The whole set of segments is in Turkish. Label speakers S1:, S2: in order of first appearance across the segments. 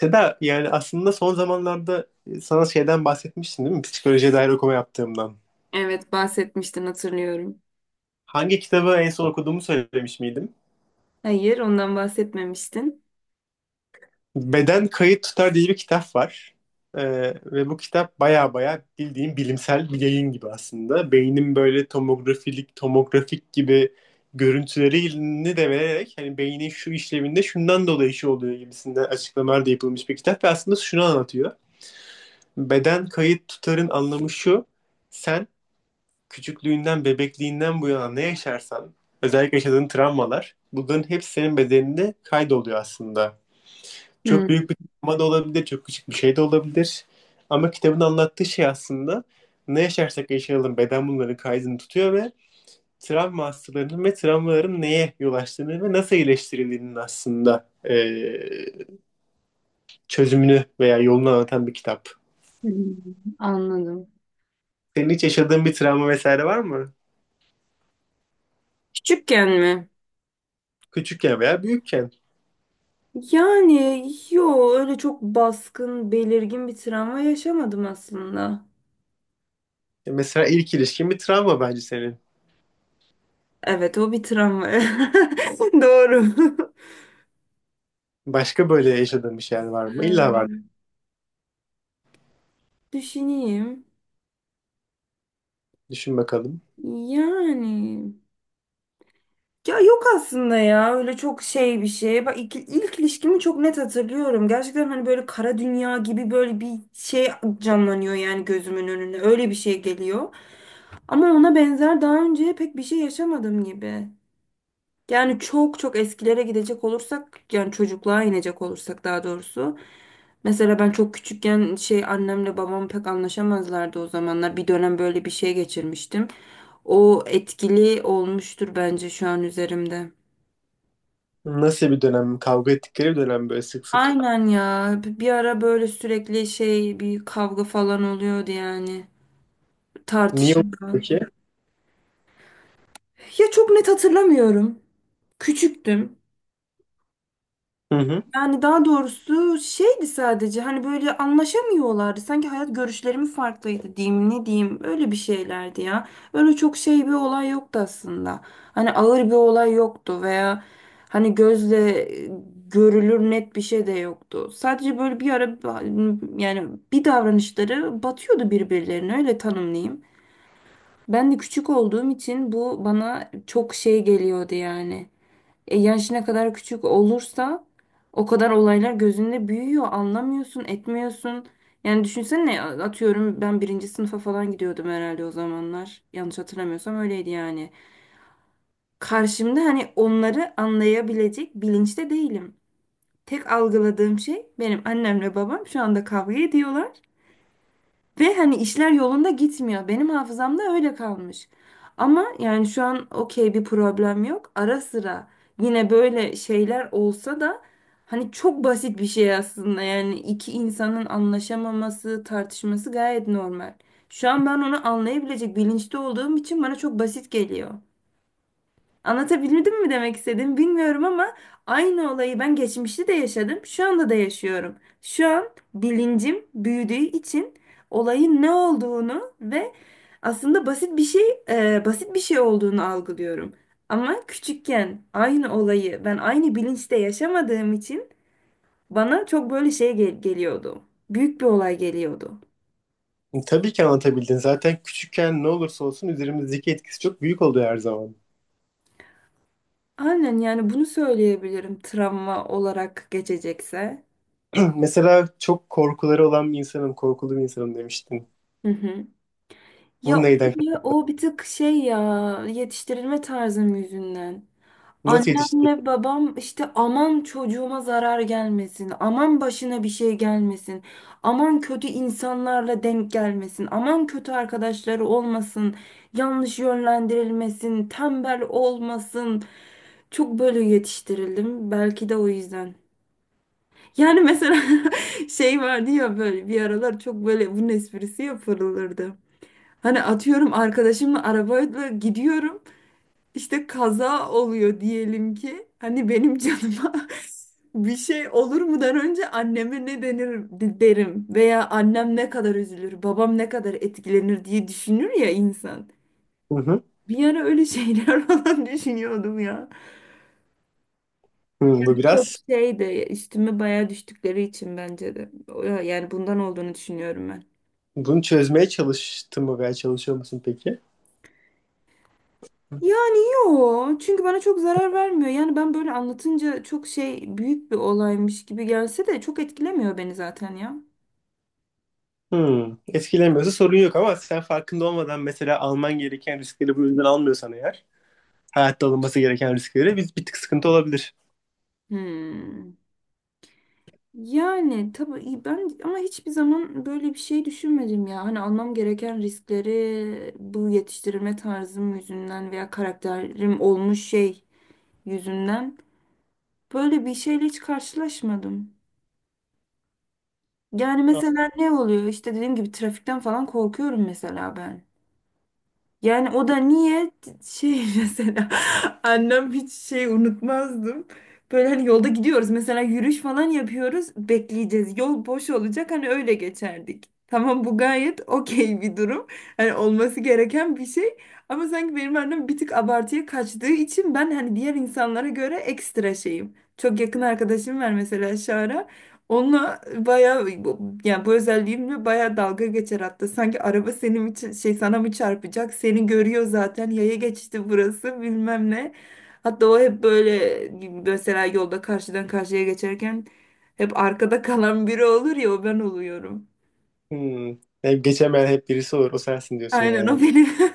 S1: Seda, yani aslında son zamanlarda sana şeyden bahsetmiştim, değil mi? Psikolojiye dair okuma yaptığımdan.
S2: Evet bahsetmiştin, hatırlıyorum.
S1: Hangi kitabı en son okuduğumu söylemiş miydim?
S2: Hayır, ondan bahsetmemiştin.
S1: Beden Kayıt Tutar diye bir kitap var. Ve bu kitap baya baya bildiğim bilimsel bir yayın gibi aslında. Beynin böyle tomografik gibi görüntülerini de vererek hani beynin şu işlevinde şundan dolayı şu oluyor gibisinden açıklamalar da yapılmış bir kitap ve aslında şunu anlatıyor. Beden kayıt tutarın anlamı şu. Sen küçüklüğünden, bebekliğinden bu yana ne yaşarsan, özellikle yaşadığın travmalar, bunların hepsi senin bedeninde kaydoluyor aslında. Çok
S2: Hmm,
S1: büyük bir travma da olabilir, çok küçük bir şey de olabilir. Ama kitabın anlattığı şey aslında ne yaşarsak yaşayalım beden bunların kaydını tutuyor ve travma hastalarının ve travmaların neye yol açtığını ve nasıl iyileştirildiğinin aslında çözümünü veya yolunu anlatan bir kitap.
S2: hmm, anladım.
S1: Senin hiç yaşadığın bir travma vesaire var mı?
S2: Küçükken mi?
S1: Küçükken veya büyükken.
S2: Yani yo, öyle çok baskın, belirgin bir travma yaşamadım aslında.
S1: Mesela ilk ilişkin bir travma bence senin.
S2: Evet, o bir travma. Doğru.
S1: Başka böyle yaşadığın bir şeyler var mı? İlla var.
S2: Ee, düşüneyim.
S1: Düşün bakalım.
S2: Yani Ya yok aslında ya, öyle çok şey bir şey. Bak ilk ilişkimi çok net hatırlıyorum. Gerçekten hani böyle kara dünya gibi böyle bir şey canlanıyor yani gözümün önünde. Öyle bir şey geliyor. Ama ona benzer daha önce pek bir şey yaşamadım gibi. Yani çok çok eskilere gidecek olursak, yani çocukluğa inecek olursak daha doğrusu. Mesela ben çok küçükken şey, annemle babam pek anlaşamazlardı o zamanlar. Bir dönem böyle bir şey geçirmiştim. O etkili olmuştur bence şu an üzerimde.
S1: Nasıl bir dönem? Kavga ettikleri bir dönem böyle sık sık.
S2: Aynen ya. Bir ara böyle sürekli şey, bir kavga falan oluyordu yani.
S1: Niye oldu
S2: Tartışma.
S1: ki?
S2: Ya çok net hatırlamıyorum. Küçüktüm.
S1: Hı hı.
S2: Yani daha doğrusu şeydi, sadece hani böyle anlaşamıyorlardı. Sanki hayat görüşlerimi farklıydı diyeyim, ne diyeyim, öyle bir şeylerdi ya. Öyle çok şey, bir olay yoktu aslında. Hani ağır bir olay yoktu veya hani gözle e, görülür net bir şey de yoktu. Sadece böyle bir ara, yani bir davranışları batıyordu birbirlerine, öyle tanımlayayım. Ben de küçük olduğum için bu bana çok şey geliyordu yani. Yaş ne kadar küçük olursa o kadar olaylar gözünde büyüyor. Anlamıyorsun, etmiyorsun. Yani düşünsene, atıyorum ben birinci sınıfa falan gidiyordum herhalde o zamanlar. Yanlış hatırlamıyorsam öyleydi yani. Karşımda hani onları anlayabilecek bilinçte değilim. Tek algıladığım şey, benim annemle babam şu anda kavga ediyorlar. Ve hani işler yolunda gitmiyor. Benim hafızamda öyle kalmış. Ama yani şu an okey, bir problem yok. Ara sıra yine böyle şeyler olsa da hani çok basit bir şey aslında. Yani iki insanın anlaşamaması, tartışması gayet normal. Şu an ben onu anlayabilecek bilinçte olduğum için bana çok basit geliyor. Anlatabildim mi demek istedim, bilmiyorum ama aynı olayı ben geçmişte de yaşadım, şu anda da yaşıyorum. Şu an bilincim büyüdüğü için olayın ne olduğunu ve aslında basit bir şey, basit bir şey olduğunu algılıyorum. Ama küçükken aynı olayı ben aynı bilinçte yaşamadığım için bana çok böyle şey geliyordu. Büyük bir olay geliyordu.
S1: Tabii ki anlatabildin. Zaten küçükken ne olursa olsun üzerimizdeki etkisi çok büyük oluyor her zaman.
S2: Aynen, yani bunu söyleyebilirim travma olarak geçecekse.
S1: Mesela çok korkuları olan bir insanım, korkulu bir insanım demiştin.
S2: Hı hı. Ya
S1: Bu neyden?
S2: o o bir tık şey ya, yetiştirilme tarzım yüzünden.
S1: Nasıl yetiştirdin?
S2: Annemle babam işte aman çocuğuma zarar gelmesin, aman başına bir şey gelmesin, aman kötü insanlarla denk gelmesin, aman kötü arkadaşları olmasın, yanlış yönlendirilmesin, tembel olmasın. Çok böyle yetiştirildim. Belki de o yüzden. Yani mesela şey vardı ya, böyle bir aralar çok böyle bunun esprisi yapılırdı. Hani atıyorum, arkadaşımla arabayla gidiyorum. İşte kaza oluyor diyelim ki. Hani benim canıma bir şey olur mudan önce anneme ne denir derim, veya annem ne kadar üzülür, babam ne kadar etkilenir diye düşünür ya insan.
S1: Hı hı.
S2: Bir ara öyle şeyler falan düşünüyordum ya.
S1: Hı, bu
S2: Çok
S1: biraz.
S2: şey de üstüme bayağı düştükleri için bence de. O- yani bundan olduğunu düşünüyorum ben.
S1: Bunu çözmeye çalıştın mı veya çalışıyor musun peki?
S2: Yani yok. Çünkü bana çok zarar vermiyor. Yani ben böyle anlatınca çok şey, büyük bir olaymış gibi gelse de çok etkilemiyor beni zaten ya.
S1: Hmm, etkilemiyorsa sorun yok ama sen farkında olmadan mesela alman gereken riskleri bu yüzden almıyorsan eğer hayatta alınması gereken riskleri biz bir tık sıkıntı olabilir.
S2: Hmm. Yani tabii iyi, ben ama hiçbir zaman böyle bir şey düşünmedim ya. Hani almam gereken riskleri bu yetiştirilme tarzım yüzünden veya karakterim olmuş şey yüzünden, böyle bir şeyle hiç karşılaşmadım. Yani mesela ne oluyor? İşte dediğim gibi trafikten falan korkuyorum mesela ben. Yani o da niye şey mesela annem hiç şey unutmazdım. Böyle hani yolda gidiyoruz mesela, yürüyüş falan yapıyoruz, bekleyeceğiz, yol boş olacak, hani öyle geçerdik. Tamam, bu gayet okey bir durum. Hani olması gereken bir şey. Ama sanki benim annem bir tık abartıya kaçtığı için ben hani diğer insanlara göre ekstra şeyim. Çok yakın arkadaşım var mesela, Şara. Onunla bayağı yani bu özelliğimle bayağı dalga geçer hatta. Sanki araba senin için şey, sana mı çarpacak? Seni görüyor zaten. Yaya geçti, burası bilmem ne. Hatta o hep böyle mesela yolda karşıdan karşıya geçerken hep arkada kalan biri olur ya, o ben oluyorum.
S1: Hmm. Hep geçemeyen hep birisi olur. O sensin diyorsun
S2: Aynen,
S1: yani.
S2: o benim.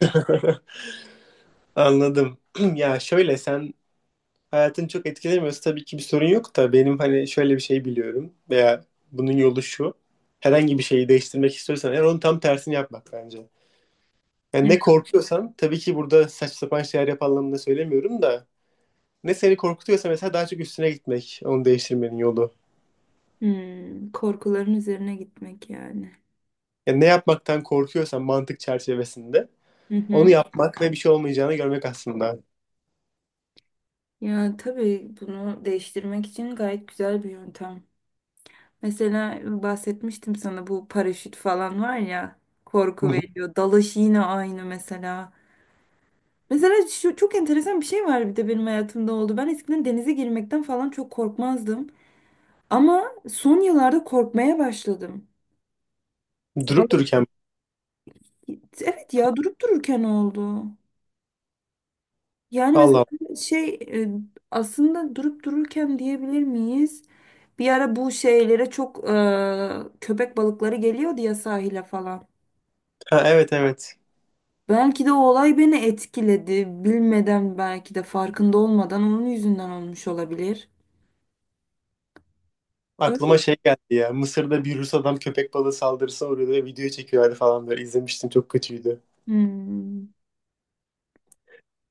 S1: Anladım. Ya şöyle, sen hayatını çok etkilemiyorsa tabii ki bir sorun yok da benim hani şöyle bir şey biliyorum veya bunun yolu şu. Herhangi bir şeyi değiştirmek istiyorsan eğer onun tam tersini yapmak bence. Yani ne korkuyorsan, tabii ki burada saçma sapan şeyler yap anlamında söylemiyorum da ne seni korkutuyorsa mesela daha çok üstüne gitmek onu değiştirmenin yolu.
S2: Hmm, korkuların üzerine gitmek yani.
S1: Yani ne yapmaktan korkuyorsan mantık çerçevesinde
S2: Hı
S1: onu
S2: hı.
S1: yapmak ve bir şey olmayacağını görmek aslında.
S2: Ya tabii bunu değiştirmek için gayet güzel bir yöntem. Mesela bahsetmiştim sana, bu paraşüt falan var ya, korku veriyor. Dalış yine aynı mesela. Mesela şu çok enteresan bir şey var, bir de benim hayatımda oldu. Ben eskiden denize girmekten falan çok korkmazdım. Ama son yıllarda korkmaya başladım.
S1: Durup
S2: Vallahi-
S1: dururken.
S2: evet ya, durup dururken oldu. Yani
S1: Allah
S2: mesela
S1: Allah.
S2: şey, e, aslında durup dururken diyebilir miyiz? Bir ara bu şeylere çok köpek balıkları geliyordu ya sahile falan.
S1: Ha, evet evet.
S2: Belki de o olay beni etkiledi. Bilmeden, belki de farkında olmadan onun yüzünden olmuş olabilir. Öyle.
S1: Aklıma şey geldi ya. Mısır'da bir Rus adam köpek balığı saldırısına uğruyordu ve video çekiyorlardı falan böyle. İzlemiştim, çok kötüydü.
S2: Hmm.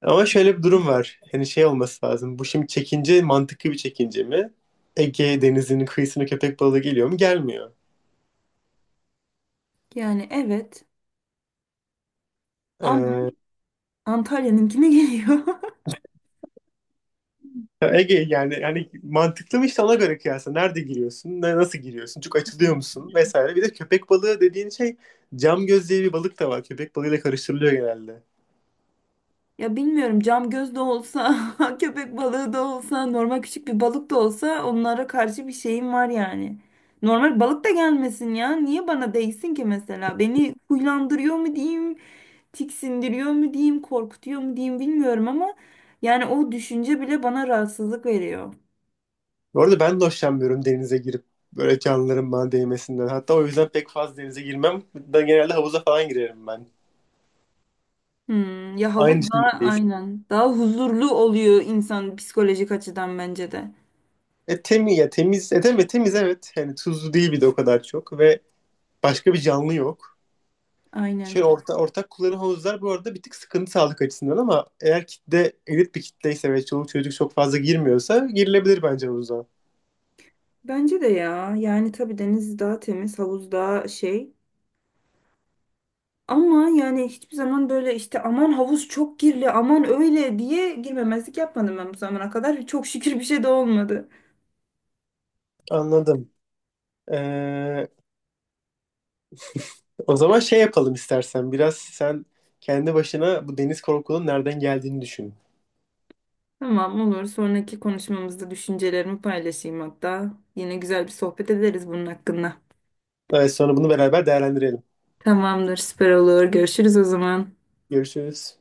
S1: Ama şöyle bir durum var. Hani şey olması lazım. Bu şimdi çekince, mantıklı bir çekince mi? Ege Denizi'nin kıyısına köpek balığı geliyor mu? Gelmiyor.
S2: Yani evet, ama
S1: Ee,
S2: Antalya'nınkine geliyor.
S1: Ya Ege, yani mantıklı mı işte, ona göre kıyasla. Nerede giriyorsun? Nasıl giriyorsun? Çok açılıyor
S2: Hı.
S1: musun? Vesaire. Bir de köpek balığı dediğin şey cam göz diye bir balık da var. Köpek balığıyla karıştırılıyor genelde.
S2: Ya bilmiyorum, cam göz de olsa, köpek balığı da olsa, normal küçük bir balık da olsa, onlara karşı bir şeyim var yani. Normal balık da gelmesin ya. Niye bana değsin ki mesela? Beni huylandırıyor mu diyeyim, tiksindiriyor mu diyeyim, korkutuyor mu diyeyim, bilmiyorum ama yani o düşünce bile bana rahatsızlık veriyor.
S1: Bu arada ben de hoşlanmıyorum denize girip böyle canlıların bana değmesinden. Hatta o yüzden pek fazla denize girmem. Ben genelde havuza falan girerim ben.
S2: Hmm, ya havuz
S1: Aynı
S2: daha
S1: düşüncedeyiz.
S2: aynen, daha huzurlu oluyor insan psikolojik açıdan bence de.
S1: E temiz ya, temiz. E temiz, temiz, evet. Yani tuzlu değil bir de o kadar çok ve başka bir canlı yok. Şey
S2: Aynen.
S1: ortak kullanım havuzlar bu arada bir tık sıkıntı sağlık açısından ama eğer kitle elit bir kitleyse ve çoluk çocuk çok fazla girmiyorsa girilebilir bence havuza.
S2: Bence de ya. Yani tabii deniz daha temiz, havuz daha şey. Ama yani hiçbir zaman böyle işte aman havuz çok kirli, aman öyle diye girmemezlik yapmadım ben bu zamana kadar. Çok şükür bir şey de olmadı.
S1: Anladım. Ee, O zaman şey yapalım istersen, biraz sen kendi başına bu deniz korkunun nereden geldiğini düşün.
S2: Tamam, olur. Sonraki konuşmamızda düşüncelerimi paylaşayım hatta. Yine güzel bir sohbet ederiz bunun hakkında.
S1: Evet, sonra bunu beraber değerlendirelim.
S2: Tamamdır, süper olur. Görüşürüz o zaman.
S1: Görüşürüz.